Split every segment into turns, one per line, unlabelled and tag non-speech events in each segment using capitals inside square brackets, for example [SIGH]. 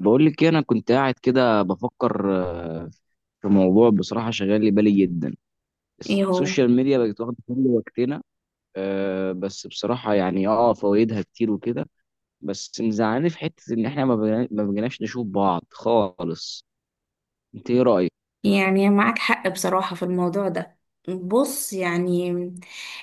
بقول لك إيه، انا كنت قاعد كده بفكر في موضوع بصراحه شغال لي بالي جدا.
ايه هو؟
السوشيال ميديا بقت واخده كل وقتنا. بس بصراحه يعني فوائدها كتير وكده، بس مزعلاني في حته ان احنا ما بقيناش نشوف بعض خالص. انت ايه رايك؟
يعني معاك حق بصراحة في الموضوع ده. بص، يعني،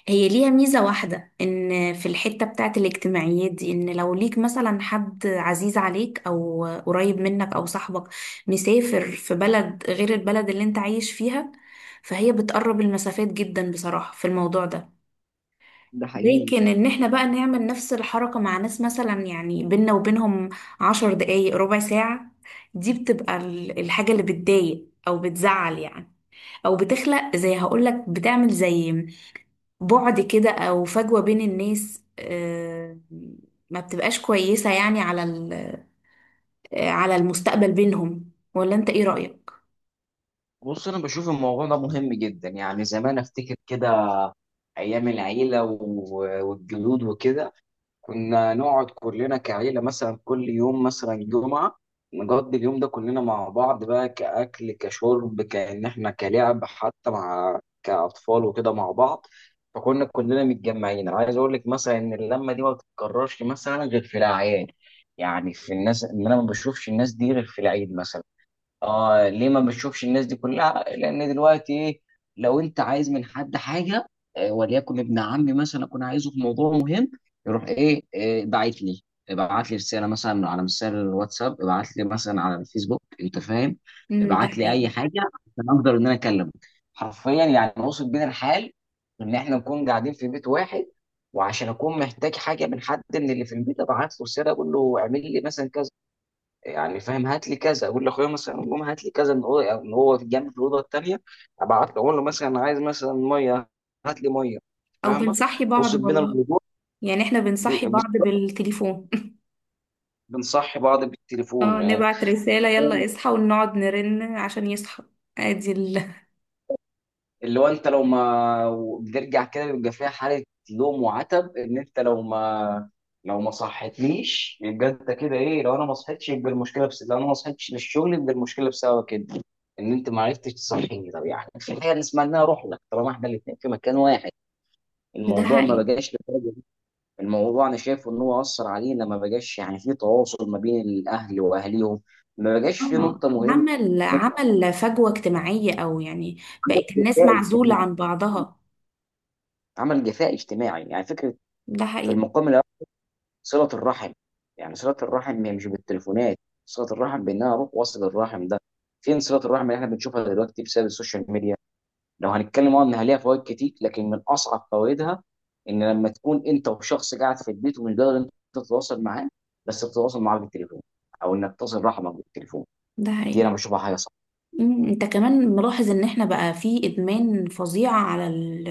هي ليها ميزة واحدة ان في الحتة بتاعت الاجتماعيات دي، ان لو ليك مثلا حد عزيز عليك او قريب منك او صاحبك مسافر في بلد غير البلد اللي انت عايش فيها، فهي بتقرب المسافات جدا بصراحة في الموضوع ده.
ده حقيقي.
لكن ان احنا بقى نعمل نفس الحركة مع ناس، مثلا يعني بينا وبينهم 10 دقايق ربع ساعة، دي بتبقى الحاجة اللي بتضايق او بتزعل، يعني. او بتخلق زي هقولك بتعمل زي بعد كده، او فجوة بين الناس، ما بتبقاش كويسة، يعني على ال- آه، على المستقبل بينهم. ولا انت ايه رأيك؟
بص، انا بشوف الموضوع ده مهم جدا. يعني زمان افتكر كده، ايام العيله والجدود وكده، كنا نقعد كلنا كعيلة مثلا كل يوم مثلا جمعة، نقضي اليوم ده كلنا مع بعض، بقى كأكل كشرب كأن احنا كلعب حتى مع كأطفال وكده مع بعض. فكنا كلنا متجمعين. عايز اقول لك مثلا ان اللمة دي ما بتتكررش مثلا غير في الأعياد. يعني في الناس ان انا ما بشوفش الناس دي غير في العيد مثلا. اه ليه ما بتشوفش الناس دي كلها؟ لان دلوقتي ايه، لو انت عايز من حد حاجه، وليكن ابن عمي مثلا اكون عايزه في موضوع مهم، يروح ايه، باعت لي، ابعت لي رساله مثلا على مثال الواتساب، ابعت لي مثلا على الفيسبوك، انت فاهم،
ده
ابعت لي
حقيقي.
اي حاجه عشان اقدر ان انا اكلمه. حرفيا يعني وصل بينا الحال، ان احنا نكون قاعدين في بيت واحد، وعشان اكون محتاج حاجه من حد من اللي في البيت، ابعت له رساله اقول له اعمل لي مثلا كذا، يعني فاهم، هات لي كذا، اقول لاخويا مثلا قوم هات لي كذا من الاوضه أو من هو في جنب في الاوضه الثانيه، ابعت له اقول له مثلا عايز مثلا ميه، هات لي ميه.
او
فاهمه،
بنصحي بعض
وصل بينا
والله.
الموضوع.
يعني احنا بنصحي بعض
بالظبط،
بالتليفون.
بنصحي بعض
اه،
بالتليفون. آه،
نبعت رسالة يلا اصحى ونقعد نرن عشان يصحى. ادي
اللي هو انت لو ما بترجع كده بيبقى فيها حاله لوم وعتب، ان انت لو ما، لو ما صحتليش يبقى انت كده ايه، لو انا ما صحتش يبقى المشكله، بس لو انا ما صحتش للشغل يبقى المشكله بسبب كده، ان انت ما عرفتش تصحيني. طب يعني في حاجه نسمع انها روح لك طالما احنا الاثنين في مكان واحد.
[LAUGHS] ده
الموضوع ما
حقيقي.
بقاش للدرجة دي. الموضوع انا شايفه ان هو اثر علينا، ما بقاش يعني في تواصل ما بين الاهل واهليهم، ما بقاش في
اه،
نقطه مهمه.
عمل فجوة اجتماعية، او يعني
عمل
بقت الناس
جفاء
معزولة
اجتماعي،
عن بعضها.
عمل جفاء اجتماعي يعني، فكره
ده
في
حقيقي.
المقام صلة الرحم. يعني صلة الرحم هي مش بالتليفونات، صلة الرحم بإن أنا أروح وأصل الرحم ده. فين صلة الرحم اللي إحنا بنشوفها دلوقتي بسبب السوشيال ميديا؟ لو هنتكلم إنها ليها فوائد كتير، لكن من أصعب فوائدها إن لما تكون أنت وشخص قاعد في البيت ومش قادر أنت تتواصل معاه، بس بتتواصل معاه بالتليفون، أو إنك تصل رحمك بالتليفون.
ده
دي
حقيقي.
أنا بشوفها حاجة صعبة.
انت كمان ملاحظ ان احنا بقى في ادمان فظيع على ال...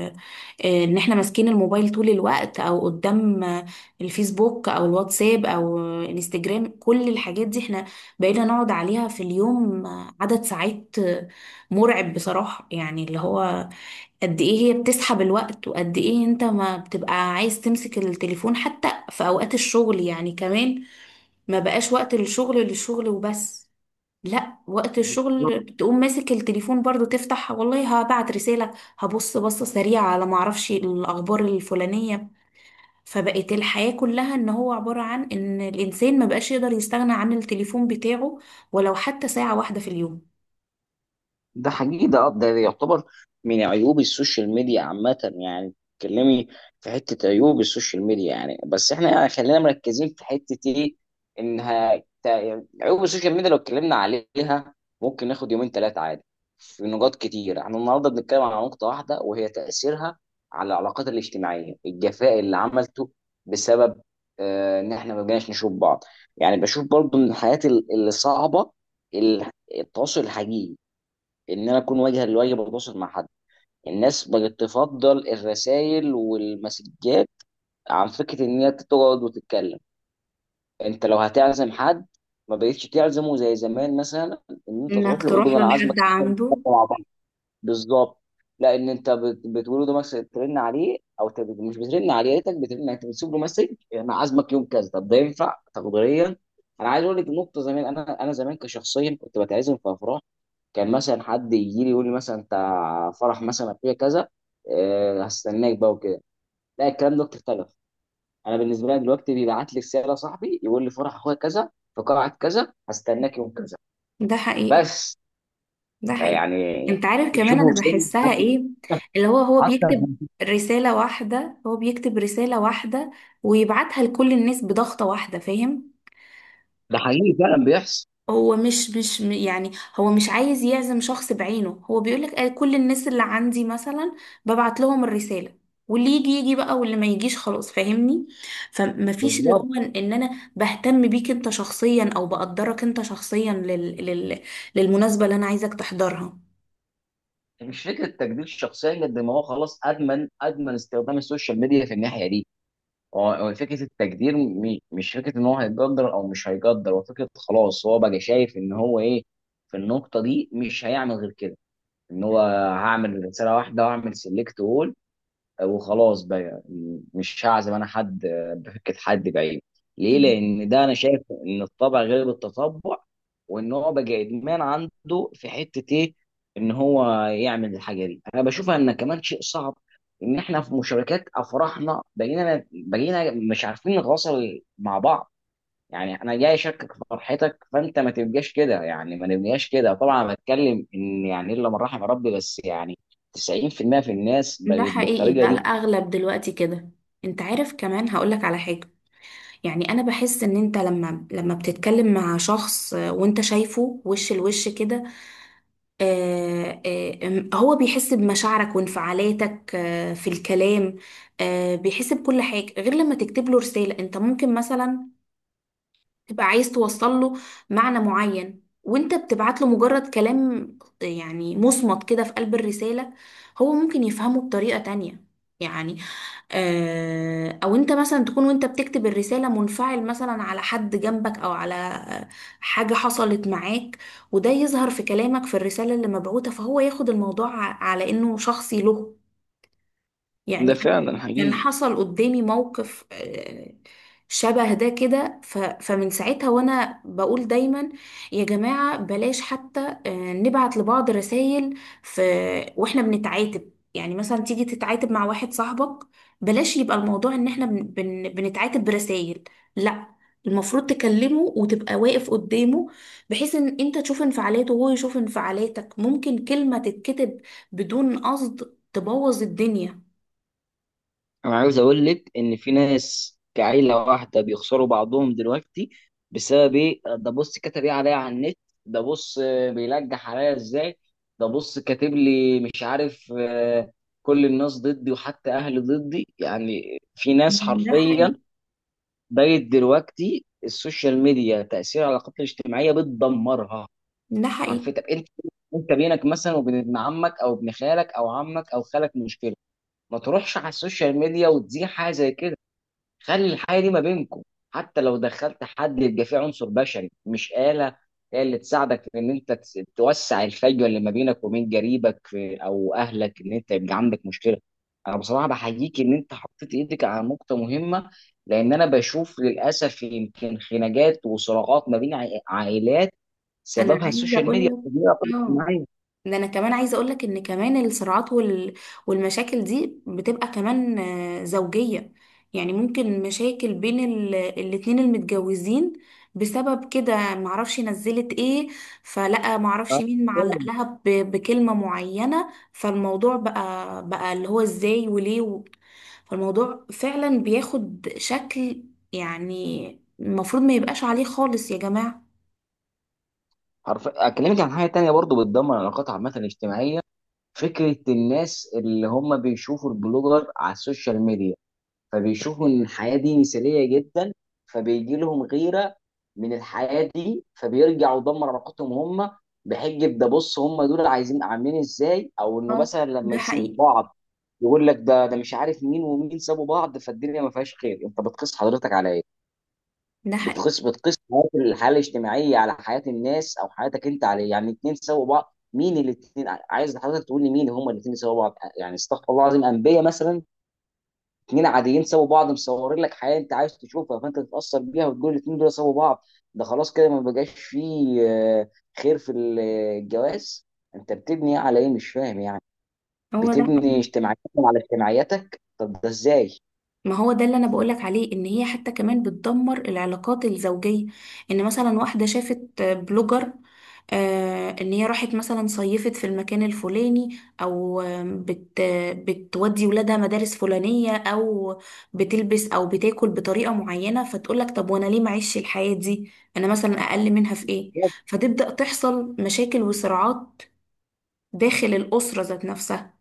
آه، ان احنا ماسكين الموبايل طول الوقت، او قدام الفيسبوك او الواتساب او انستجرام. كل الحاجات دي احنا بقينا نقعد عليها في اليوم عدد ساعات مرعب بصراحة، يعني اللي هو قد ايه هي بتسحب الوقت، وقد ايه انت ما بتبقى عايز تمسك التليفون حتى في اوقات الشغل يعني كمان. ما بقاش وقت للشغل، للشغل وبس. لا، وقت الشغل تقوم ماسك التليفون برضو، تفتح والله هبعت رسالة، هبص بصة سريعة على معرفش الأخبار الفلانية. فبقت الحياة كلها إن هو عبارة عن إن الإنسان ما بقاش يقدر يستغنى عن التليفون بتاعه، ولو حتى ساعة واحدة في اليوم.
ده حقيقي، ده يعتبر من عيوب السوشيال ميديا عامة يعني. تتكلمي. في حتة عيوب السوشيال ميديا يعني، بس احنا يعني خلينا مركزين في حتة ايه، عيوب السوشيال ميديا لو اتكلمنا عليها ممكن ناخد يومين ثلاثة عادي، في نقاط كتير. احنا النهاردة بنتكلم على نقطة واحدة، وهي تأثيرها على العلاقات الاجتماعية، الجفاء اللي عملته بسبب، ان احنا ما بقيناش نشوف بعض. يعني بشوف برضو من الحاجات اللي صعبة، ال- التواصل الحقيقي، ان انا اكون واجها لوجه بتواصل مع حد. الناس بقت تفضل الرسائل والمسجات عن فكره ان هي تقعد وتتكلم. انت لو هتعزم حد ما بقتش تعزمه زي زمان مثلا، ان انت
إنك
تروح له وتقول
تروح
له
له
انا عازمك،
لحد
نتكلم
عنده.
مع بعض، بالظبط. لا، ان انت بتقول له مثلا ترن عليه، او مش بترن عليه، يا ريتك بترن، يعني انت بتسيب له مسج، انا عازمك يوم كذا. طب ده ينفع تقديريا؟ انا عايز اقول لك نقطه، زمان انا، زمان كشخصيا كنت بتعزم في افراح، كان مثلا حد يجي لي يقول لي مثلا، انت فرح مثلا اخويا كذا، هستناك بقى وكده. لا، الكلام ده اختلف. انا بالنسبه لي دلوقتي بيبعت لي رساله صاحبي يقول لي فرح اخويا كذا في قاعه كذا، هستناك يوم كذا،
ده حقيقي.
بس،
ده حقيقي.
يعني.
أنت عارف كمان،
شوفوا
أنا
وصلنا
بحسها
لحد
إيه؟ اللي هو
حتى،
بيكتب رسالة واحدة، ويبعتها لكل الناس بضغطة واحدة، فاهم؟
ده حقيقي فعلا بيحصل،
هو مش مش م- يعني هو مش عايز يعزم شخص بعينه، هو بيقول لك كل الناس اللي عندي مثلا ببعت لهم الرسالة، واللي يجي يجي بقى واللي ما يجيش خلاص، فاهمني؟ فمفيش اللي
بالظبط.
هو إن انا بهتم بيك انت شخصيا، او بقدرك انت شخصيا للمناسبة اللي انا عايزك تحضرها.
مش فكره تجديد الشخصيه، قد ما هو خلاص ادمن ادمن استخدام السوشيال ميديا في الناحيه دي. هو فكره التجدير، مش فكره ان هو هيقدر او مش هيقدر، هو فكره خلاص هو بقى شايف ان هو ايه، في النقطه دي مش هيعمل غير كده، ان هو هعمل رساله واحده واعمل سيلكت اول وخلاص بقى، مش هعزم انا حد، بفكة حد بعيد. ليه؟
مم.
لان ده انا شايف ان الطبع غير التطبع، وان هو بقى ادمان عنده في حتة ايه، ان هو يعمل الحاجة دي. انا بشوفها ان كمان شيء صعب، ان احنا في مشاركات افراحنا بقينا مش عارفين نتواصل مع بعض. يعني انا جاي اشاركك في فرحتك فانت ما تبقاش كده، يعني ما نبقاش كده. طبعا أنا بتكلم ان يعني الا من رحم ربي، بس يعني 90% في المية في الناس
ده
بقت
حقيقي
بالطريقه
بقى،
دي.
الأغلب دلوقتي كده. انت عارف كمان، هقولك على حاجة. يعني انا بحس ان انت لما بتتكلم مع شخص وانت شايفه وش لوش كده، هو بيحس بمشاعرك وانفعالاتك في الكلام، بيحس بكل حاجة، غير لما تكتب له رسالة. انت ممكن مثلا تبقى عايز توصل له معنى معين، وانت بتبعت له مجرد كلام يعني مصمت كده في قلب الرسالة، هو ممكن يفهمه بطريقة تانية. يعني او انت مثلا تكون وانت بتكتب الرسالة منفعل مثلا على حد جنبك، او على حاجة حصلت معاك، وده يظهر في كلامك في الرسالة اللي مبعوتة، فهو ياخد الموضوع على انه شخصي له. يعني
ده
أنا
فعلا
كان
حقيقي.
حصل قدامي موقف شبه ده كده، فمن ساعتها وأنا بقول دايما يا جماعة، بلاش حتى نبعت لبعض رسائل في وإحنا بنتعاتب. يعني مثلا تيجي تتعاتب مع واحد صاحبك، بلاش يبقى الموضوع إن إحنا بنتعاتب برسائل. لا، المفروض تكلمه وتبقى واقف قدامه، بحيث ان انت تشوف انفعالاته وهو يشوف انفعالاتك. ممكن كلمة تتكتب بدون قصد تبوظ الدنيا.
انا عاوز اقول لك ان في ناس كعيله واحده بيخسروا بعضهم دلوقتي بسبب ايه، ده بص كتب ايه عليا على النت، ده بص بيلجح عليا ازاي، ده بص كاتب لي مش عارف كل الناس ضدي وحتى اهلي ضدي. يعني في ناس
ده
حرفيا
حقيقي.
بقت دلوقتي السوشيال ميديا تاثير على العلاقات الاجتماعيه بتدمرها
ده
حرفيا.
حقيقي.
طب انت، انت بينك مثلا وبين ابن عمك او ابن خالك او عمك او خالك مشكله، ما تروحش على السوشيال ميديا وتزيع حاجه زي كده، خلي الحاجه دي ما بينكم. حتى لو دخلت حد يبقى فيه عنصر بشري مش آلة هي اللي تساعدك في ان انت توسع الفجوه اللي ما بينك وبين قريبك، في او اهلك ان انت يبقى عندك مشكله. انا بصراحه بحييك ان انت حطيت ايدك على نقطه مهمه، لان انا بشوف للاسف يمكن خناقات وصراعات ما بين عائلات
انا
سببها
عايزه
السوشيال
اقول
ميديا [LAUGHS]
لك
والتجميع
اه
الاجتماعية.
ده انا كمان عايزه اقول لك ان كمان الصراعات والمشاكل دي بتبقى كمان زوجيه. يعني ممكن مشاكل بين الاتنين المتجوزين بسبب كده، معرفش نزلت ايه، فلقى معرفش مين معلق لها بكلمه معينه، فالموضوع بقى اللي هو ازاي وليه فالموضوع فعلا بياخد شكل، يعني المفروض ما يبقاش عليه خالص يا جماعه.
حرف اكلمك عن حاجه تانية برضو بتدمر العلاقات عامه الاجتماعيه، فكرة الناس اللي هم بيشوفوا البلوجر على السوشيال ميديا، فبيشوفوا ان الحياة دي مثالية جدا، فبيجي لهم غيرة من الحياة دي، فبيرجعوا يدمر علاقتهم هم بحجة، ده بص هم دول عايزين عاملين ازاي، او انه
اه،
مثلا لما
ده
يسيبوا
حقيقي.
بعض، يقول لك ده مش عارف مين ومين سابوا بعض، فالدنيا ما فيهاش خير. انت بتقيس حضرتك على ايه؟
ده حقيقي.
بتقيس حياه الحاله الاجتماعيه على حياه الناس، او حياتك انت عليه. يعني الاثنين سوا بعض، مين الاثنين؟ عايز حضرتك تقول لي مين هم الاثنين سوا بعض، يعني استغفر الله العظيم، انبياء مثلا؟ اثنين عاديين سوا بعض مصورين لك حياه انت عايز تشوفها، فانت تتاثر بيها وتقول الاثنين دول سوا بعض، ده خلاص كده ما بقاش فيه خير في الجواز. انت بتبني على ايه؟ مش فاهم يعني،
هو ده
بتبني
حقيقي.
اجتماعيتك على اجتماعياتك، طب ده ازاي؟
ما هو ده اللي انا بقولك عليه، ان هي حتى كمان بتدمر العلاقات الزوجية. ان مثلا واحدة شافت بلوجر، آه ان هي راحت مثلا صيفت في المكان الفلاني، او آم، بت بتودي ولادها مدارس فلانية، او بتلبس او بتاكل بطريقة معينة، فتقولك طب وانا ليه معيش الحياة دي؟ انا مثلا اقل منها في ايه؟ فتبدأ تحصل مشاكل وصراعات داخل الأسرة ذات نفسها.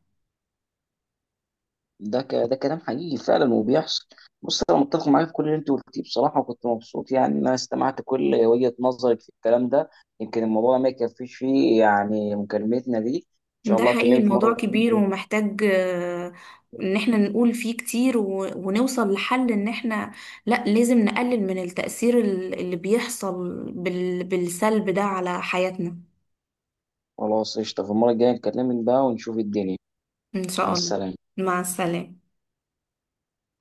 ده كلام حقيقي فعلا وبيحصل. بص انا متفق معاك في كل اللي انت قلتيه بصراحه، وكنت مبسوط يعني ان انا استمعت كل وجهه نظرك في الكلام ده. يمكن الموضوع ما يكفيش فيه يعني مكالمتنا دي، ان شاء
ده
الله
حقيقي،
اكلمك
الموضوع
مره.
كبير ومحتاج ان احنا نقول فيه كتير، ونوصل لحل، ان احنا لا لازم نقلل من التأثير اللي بيحصل بالسلب ده على حياتنا.
خلاص قشطه، في المره الجايه نكلمك بقى ونشوف الدنيا.
ان
مع
شاء الله.
السلامه.
مع السلامة.